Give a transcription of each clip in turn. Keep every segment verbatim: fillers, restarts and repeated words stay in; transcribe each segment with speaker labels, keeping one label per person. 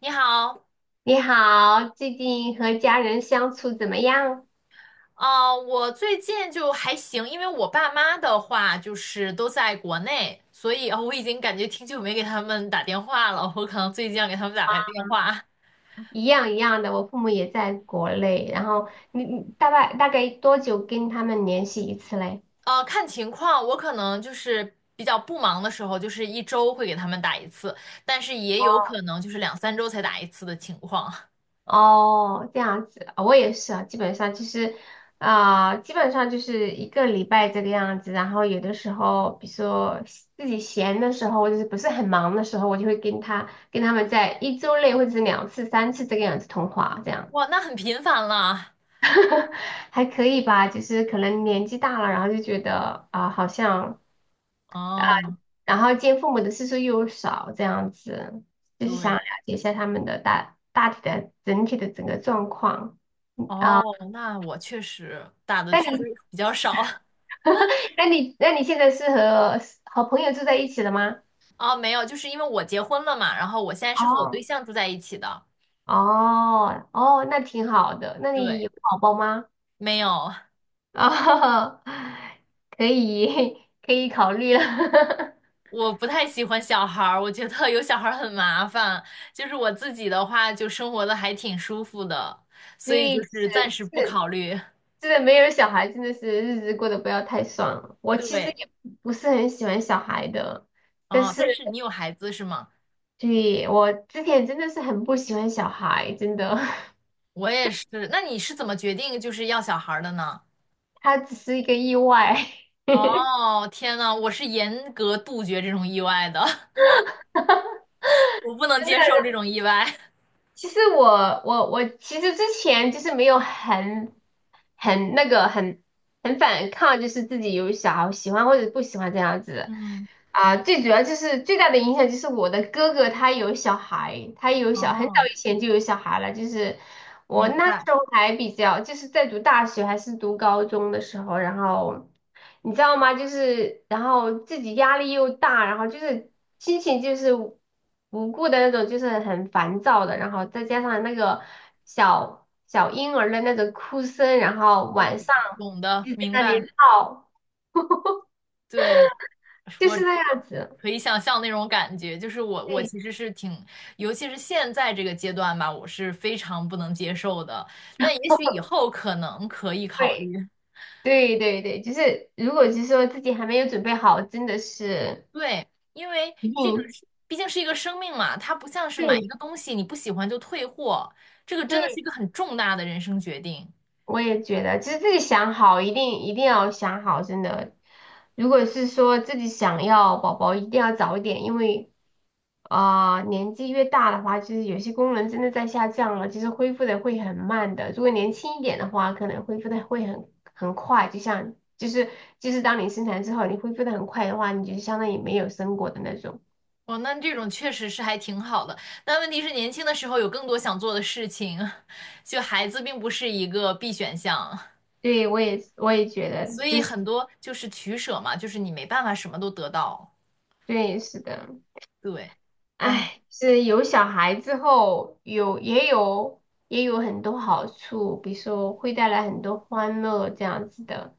Speaker 1: 你好。
Speaker 2: 你好，最近和家人相处怎么样？
Speaker 1: 啊，我最近就还行，因为我爸妈的话就是都在国内，所以呃我已经感觉挺久没给他们打电话了，我可能最近要给他们打个电话。
Speaker 2: 一样一样的，我父母也在国内，然后你你大概大概多久跟他们联系一次嘞？
Speaker 1: 呃，看情况，我可能就是比较不忙的时候，就是一周会给他们打一次，但是也有可
Speaker 2: 哦，
Speaker 1: 能就是两三周才打一次的情况。
Speaker 2: 哦，这样子，哦我也是啊，基本上就是，啊、基本上就是一个礼拜这个样子。然后有的时候，比如说自己闲的时候，或者是不是很忙的时候，我就会跟他跟他们在一周内或者是两次、三次这个样子通话，这样。
Speaker 1: 哇，那很频繁了。
Speaker 2: 还可以吧，就是可能年纪大了，然后就觉得啊、好像啊、
Speaker 1: 哦。
Speaker 2: 然后见父母的次数又少，这样子，就是想
Speaker 1: 对。
Speaker 2: 了解一下他们的大大体的整体的整个状况。嗯
Speaker 1: 哦，
Speaker 2: 啊、
Speaker 1: 那我确实打的
Speaker 2: 那
Speaker 1: 确实
Speaker 2: 你
Speaker 1: 比较少。
Speaker 2: 那你那你现在是和和朋友住在一起了吗？
Speaker 1: 哦，没有，就是因为我结婚了嘛，然后我现在是和我对
Speaker 2: 哦
Speaker 1: 象住在一起的。
Speaker 2: 哦哦，那挺好的。那你
Speaker 1: 对，
Speaker 2: 有宝宝吗？
Speaker 1: 没有。
Speaker 2: 哦，可以 可以考虑了。
Speaker 1: 我不太喜欢小孩儿，我觉得有小孩儿很麻烦。就是我自己的话，就生活的还挺舒服的，
Speaker 2: 所
Speaker 1: 所以就
Speaker 2: 以
Speaker 1: 是暂
Speaker 2: 是
Speaker 1: 时不
Speaker 2: 是。
Speaker 1: 考虑。
Speaker 2: 真的没有小孩，真的是日子过得不要太爽了。我其实
Speaker 1: 对。
Speaker 2: 也不是很喜欢小孩的，但
Speaker 1: 哦，
Speaker 2: 是，
Speaker 1: 但是你有孩子是吗？
Speaker 2: 对，我之前真的是很不喜欢小孩，真的，
Speaker 1: 我也是。那你是怎么决定就是要小孩儿的呢？
Speaker 2: 他只是一个意外。
Speaker 1: 哦，天呐，我是严格杜绝这种意外的。我不能接受这种意外。
Speaker 2: 其实我我我其实之前就是没有很很那个很很反抗，就是自己有小孩喜欢或者不喜欢这样 子。
Speaker 1: 嗯。
Speaker 2: 啊，最主要就是最大的影响就是我的哥哥他有小孩，他有小，很早
Speaker 1: 哦，
Speaker 2: 以前就有小孩了。就是我
Speaker 1: 明
Speaker 2: 那个
Speaker 1: 白。
Speaker 2: 时候还比较，就是在读大学还是读高中的时候，然后你知道吗？就是然后自己压力又大，然后就是心情就是无无故的那种，就是很烦躁的，然后再加上那个小小婴儿的那种哭声，然后
Speaker 1: 我
Speaker 2: 晚上
Speaker 1: 懂的，
Speaker 2: 就在
Speaker 1: 明
Speaker 2: 那里
Speaker 1: 白。
Speaker 2: 闹，
Speaker 1: 对，
Speaker 2: 就
Speaker 1: 我
Speaker 2: 是那样子。
Speaker 1: 可以想象那种感觉，就是我我其
Speaker 2: 对
Speaker 1: 实是挺，尤其是现在这个阶段吧，我是非常不能接受的。但也许以后可能可以考
Speaker 2: 对。
Speaker 1: 虑。
Speaker 2: 对对对，就是如果是说自己还没有准备好，真的是
Speaker 1: 对，因为
Speaker 2: 一
Speaker 1: 这个
Speaker 2: 定。
Speaker 1: 是毕竟是一个生命嘛，它不像是买一
Speaker 2: 对
Speaker 1: 个东西你不喜欢就退货，这个真的是一
Speaker 2: 对，
Speaker 1: 个很重大的人生决定。
Speaker 2: 我也觉得，就是自己想好，一定一定要想好，真的。如果是说自己想要宝宝，一定要早一点，因为啊、呃年纪越大的话，就是有些功能真的在下降了，就是恢复的会很慢的。如果年轻一点的话，可能恢复的会很很快，就像就是就是当你生产之后，你恢复的很快的话，你就相当于没有生过的那种。
Speaker 1: 哦，那这种确实是还挺好的，但问题是年轻的时候有更多想做的事情。就孩子并不是一个必选项，
Speaker 2: 对，我也我也觉得，
Speaker 1: 所以
Speaker 2: 这是。
Speaker 1: 很多就是取舍嘛，就是你没办法什么都得到。
Speaker 2: 对，是的。
Speaker 1: 对。哎，
Speaker 2: 哎，是有小孩之后，有也有也有很多好处，比如说会带来很多欢乐这样子的，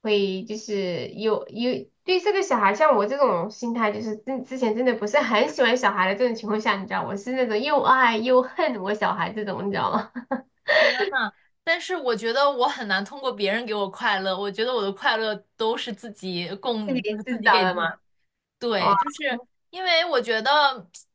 Speaker 2: 会就是有有对这个小孩，像我这种心态，就是之之前真的不是很喜欢小孩的这种情况下，你知道，我是那种又爱又恨我小孩这种，你知道吗？
Speaker 1: 天呐，但是我觉得我很难通过别人给我快乐，我觉得我的快乐都是自己供，
Speaker 2: 是你
Speaker 1: 就是自
Speaker 2: 知
Speaker 1: 己
Speaker 2: 道
Speaker 1: 给
Speaker 2: 的
Speaker 1: 自己。
Speaker 2: 吗？哇。
Speaker 1: 对，就是因为我觉得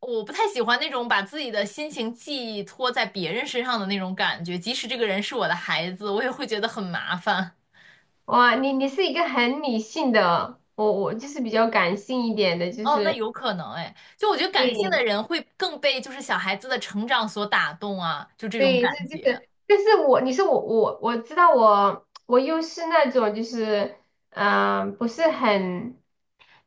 Speaker 1: 我不太喜欢那种把自己的心情寄托在别人身上的那种感觉，即使这个人是我的孩子，我也会觉得很麻烦。
Speaker 2: 哇，你你是一个很理性的，我我就是比较感性一点的，就
Speaker 1: 哦，那
Speaker 2: 是。
Speaker 1: 有可能哎，就我觉得感性的
Speaker 2: 对
Speaker 1: 人会更被就是小孩子的成长所打动啊，就这种
Speaker 2: 对，
Speaker 1: 感
Speaker 2: 是这
Speaker 1: 觉。
Speaker 2: 个，但是我你是我我我知道我我又是那种就是嗯、呃不是很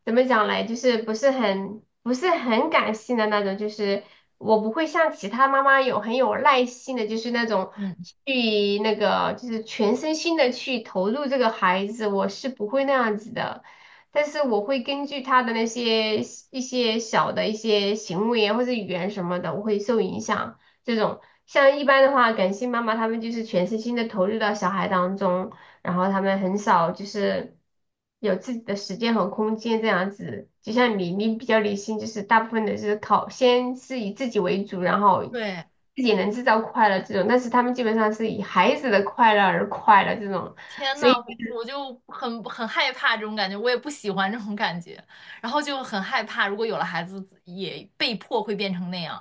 Speaker 2: 怎么讲嘞，就是不是很不是很感性的那种，就是我不会像其他妈妈有很有耐心的，就是那种
Speaker 1: 嗯。
Speaker 2: 去那个就是全身心的去投入这个孩子，我是不会那样子的。但是我会根据他的那些一些小的一些行为啊或者语言什么的，我会受影响。这种。像一般的话，感性妈妈他们就是全身心的投入到小孩当中，然后他们很少就是有自己的时间和空间这样子。就像你，你比较理性，就是大部分的是考，先是以自己为主，然后
Speaker 1: 对，
Speaker 2: 自己能制造快乐这种。但是他们基本上是以孩子的快乐而快乐这种。
Speaker 1: 天呐，我我就很很害怕这种感觉，我也不喜欢这种感觉，然后就很害怕，如果有了孩子，也被迫会变成那样。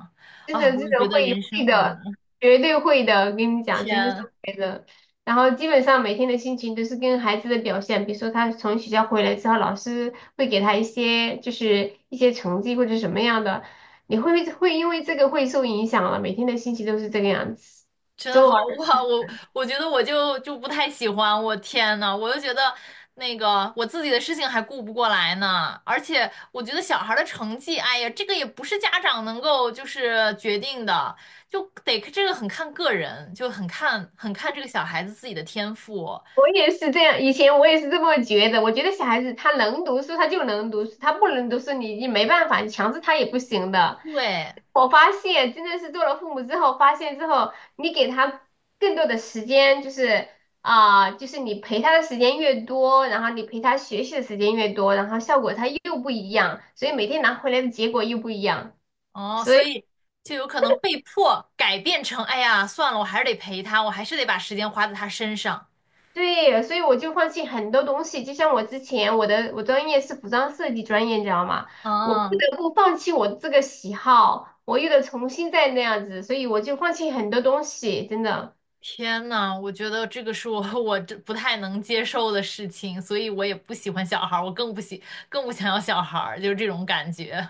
Speaker 2: 真
Speaker 1: 啊，
Speaker 2: 的
Speaker 1: 我
Speaker 2: 真
Speaker 1: 就
Speaker 2: 的
Speaker 1: 觉得
Speaker 2: 会
Speaker 1: 人生
Speaker 2: 会
Speaker 1: 好难。
Speaker 2: 的，绝对会的，我跟你讲，真的是
Speaker 1: 天。
Speaker 2: 会的。然后基本上每天的心情都是跟孩子的表现，比如说他从学校回来之后，老师会给他一些就是一些成绩或者什么样的，你会会因为这个会受影响了，每天的心情都是这个样子。
Speaker 1: 真的
Speaker 2: 周以我
Speaker 1: 好哇！我我觉得我就就不太喜欢，我天呐，我就觉得那个我自己的事情还顾不过来呢，而且我觉得小孩儿的成绩，哎呀，这个也不是家长能够就是决定的，就得这个很看个人，就很看很看这个小孩子自己的天赋。
Speaker 2: 我也是这样，以前我也是这么觉得。我觉得小孩子他能读书，他就能读书；他不能读书，你你没办法，你强制他也不行的。
Speaker 1: 对。
Speaker 2: 我发现，真的是做了父母之后，发现之后，你给他更多的时间，就是啊、就是你陪他的时间越多，然后你陪他学习的时间越多，然后效果他又不一样，所以每天拿回来的结果又不一样。
Speaker 1: 哦，
Speaker 2: 所
Speaker 1: 所
Speaker 2: 以。
Speaker 1: 以就有可能被迫改变成，哎呀，算了，我还是得陪他，我还是得把时间花在他身上。
Speaker 2: 对，所以我就放弃很多东西，就像我之前我的我专业是服装设计专业，你知道吗？我不
Speaker 1: 嗯。
Speaker 2: 得不放弃我这个喜好，我又得重新再那样子，所以我就放弃很多东西，真的。
Speaker 1: 天呐，我觉得这个是我 我这不太能接受的事情，所以我也不喜欢小孩儿，我更不喜更不想要小孩儿，就是这种感觉。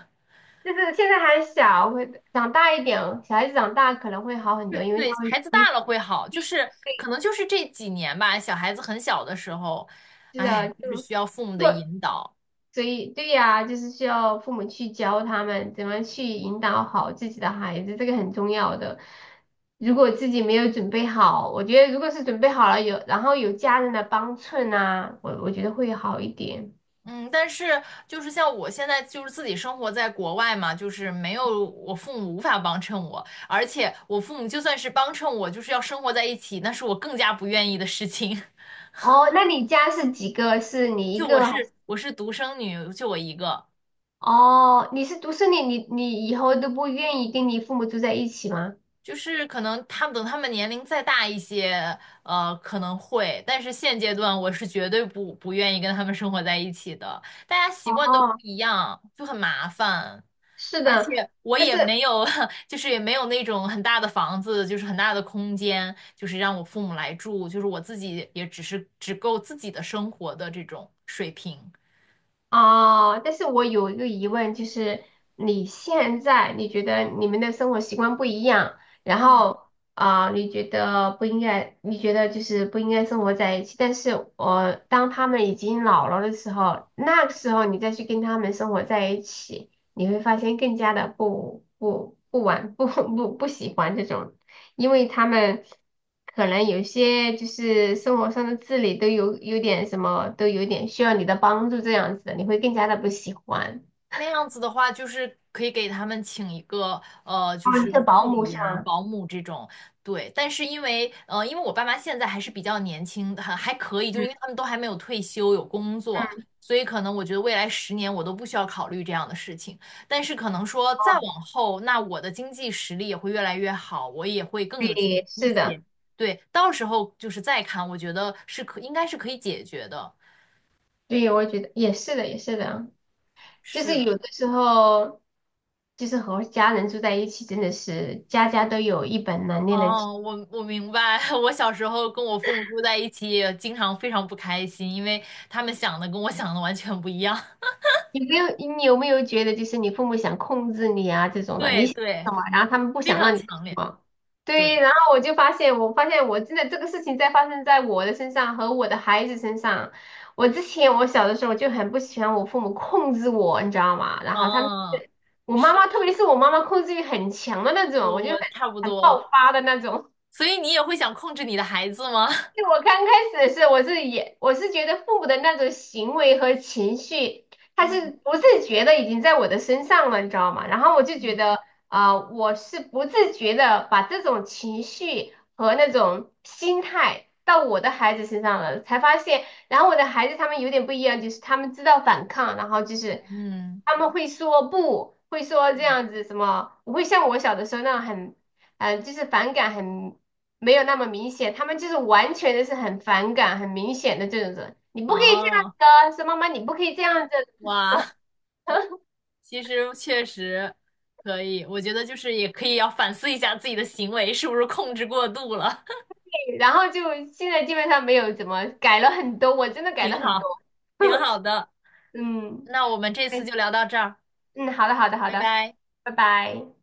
Speaker 2: 就是现在还小，会长大一点，小孩子长大可能会好很
Speaker 1: 对，
Speaker 2: 多，因为他
Speaker 1: 对，
Speaker 2: 会
Speaker 1: 孩子大
Speaker 2: 会
Speaker 1: 了会好，就是可能就是这几年吧，小孩子很小的时候，
Speaker 2: 是
Speaker 1: 哎，
Speaker 2: 的，
Speaker 1: 就
Speaker 2: 就
Speaker 1: 是
Speaker 2: 是
Speaker 1: 需要父母的
Speaker 2: 做
Speaker 1: 引导。
Speaker 2: 所以对呀，就是需要父母去教他们怎么去引导好自己的孩子，这个很重要的。如果自己没有准备好，我觉得如果是准备好了有，然后有家人的帮衬啊，我我觉得会好一点。
Speaker 1: 嗯，但是就是像我现在就是自己生活在国外嘛，就是没有我父母无法帮衬我，而且我父母就算是帮衬我，就是要生活在一起，那是我更加不愿意的事情。
Speaker 2: 哦，那你家是几个？是你一
Speaker 1: 就我
Speaker 2: 个还是？
Speaker 1: 是我是独生女，就我一个，
Speaker 2: 哦，你是独生女，你你以后都不愿意跟你父母住在一起吗？
Speaker 1: 就是可能他们等他们年龄再大一些，呃，可能会，但是现阶段我是绝对不不愿意跟他们生活在一起的，大家习惯都不
Speaker 2: 哦，
Speaker 1: 一样，就很麻烦，
Speaker 2: 是
Speaker 1: 而
Speaker 2: 的，
Speaker 1: 且我
Speaker 2: 但
Speaker 1: 也
Speaker 2: 是。
Speaker 1: 没有，就是也没有那种很大的房子，就是很大的空间，就是让我父母来住，就是我自己也只是只够自己的生活的这种水平。
Speaker 2: 哦，但是我有一个疑问，就是你现在你觉得你们的生活习惯不一样，然
Speaker 1: 嗯。
Speaker 2: 后啊、呃你觉得不应该，你觉得就是不应该生活在一起，但是我、当他们已经老了的时候，那个时候你再去跟他们生活在一起，你会发现更加的不不不玩不 不不喜欢这种。因为他们可能有些就是生活上的自理都有有点什么，都有点需要你的帮助这样子的，你会更加的不喜欢。
Speaker 1: 那样子的话，就是可以给他们请一个呃，就
Speaker 2: 哦，你
Speaker 1: 是
Speaker 2: 是
Speaker 1: 护
Speaker 2: 保姆
Speaker 1: 理
Speaker 2: 是
Speaker 1: 呀、
Speaker 2: 吗？
Speaker 1: 保姆这种。对，但是因为呃，因为我爸妈现在还是比较年轻，还还可以，就
Speaker 2: 嗯
Speaker 1: 因为他们都还没有退休，有工作，
Speaker 2: 嗯。
Speaker 1: 所以可能我觉得未来十年我都不需要考虑这样的事情。但是可能说再
Speaker 2: 哦，
Speaker 1: 往后，那我的经济实力也会越来越好，我也会更有钱
Speaker 2: 对，
Speaker 1: 一
Speaker 2: 是的。
Speaker 1: 些。对，到时候就是再看，我觉得是可应该是可以解决的。
Speaker 2: 对，我觉得也是的，也是的，就是
Speaker 1: 是。
Speaker 2: 有的时候，就是和家人住在一起，真的是家家都有一本难念的经。
Speaker 1: 哦，我我明白。我小时候跟我父母住在一起，也经常非常不开心，因为他们想的跟我想的完全不一样。
Speaker 2: 你没有你有没有觉得就是你父母想控制你啊这种的，你
Speaker 1: 对
Speaker 2: 想
Speaker 1: 对，
Speaker 2: 什么，然后他们不
Speaker 1: 非
Speaker 2: 想
Speaker 1: 常
Speaker 2: 让你做什
Speaker 1: 强烈。
Speaker 2: 么？对，
Speaker 1: 对。
Speaker 2: 然后我就发现，我发现我真的这个事情在发生在我的身上和我的孩子身上。我之前我小的时候就很不喜欢我父母控制我，你知道吗？然后他们
Speaker 1: 嗯。
Speaker 2: 是我妈妈，
Speaker 1: 是，
Speaker 2: 特别是我妈妈控制欲很强的那种，我
Speaker 1: 我
Speaker 2: 就很
Speaker 1: 我差不
Speaker 2: 很爆
Speaker 1: 多。
Speaker 2: 发的那种。
Speaker 1: 所以你也会想控制你的孩子吗？
Speaker 2: 因为我刚开始是，我是也我是觉得父母的那种行为和情绪，他是
Speaker 1: 嗯
Speaker 2: 不自觉的已经在我的身上了，你知道吗？然后我就觉
Speaker 1: 嗯
Speaker 2: 得啊、呃我是不自觉的把这种情绪和那种心态到我的孩子身上了，才发现，然后我的孩子他们有点不一样，就是他们知道反抗，然后就是
Speaker 1: 嗯，
Speaker 2: 他们会说不，会说这
Speaker 1: 嗯
Speaker 2: 样子什么，不会像我小的时候那样很。嗯，呃就是反感很没有那么明显，他们就是完全的是很反感、很明显的这种人，你不可以这样子
Speaker 1: 哦。
Speaker 2: 的，说妈妈你不可以这样子
Speaker 1: 哇，
Speaker 2: 的，
Speaker 1: 其实确实可以。我觉得就是也可以要反思一下自己的行为是不是控制过度了。
Speaker 2: 然后就现在基本上没有怎么改了很多，我真的 改了
Speaker 1: 挺
Speaker 2: 很
Speaker 1: 好，
Speaker 2: 多。
Speaker 1: 挺 好的。
Speaker 2: 嗯。
Speaker 1: 那我们这
Speaker 2: 哎，
Speaker 1: 次就聊到这儿，
Speaker 2: 嗯，好的，好的，好
Speaker 1: 拜
Speaker 2: 的，
Speaker 1: 拜。
Speaker 2: 拜拜。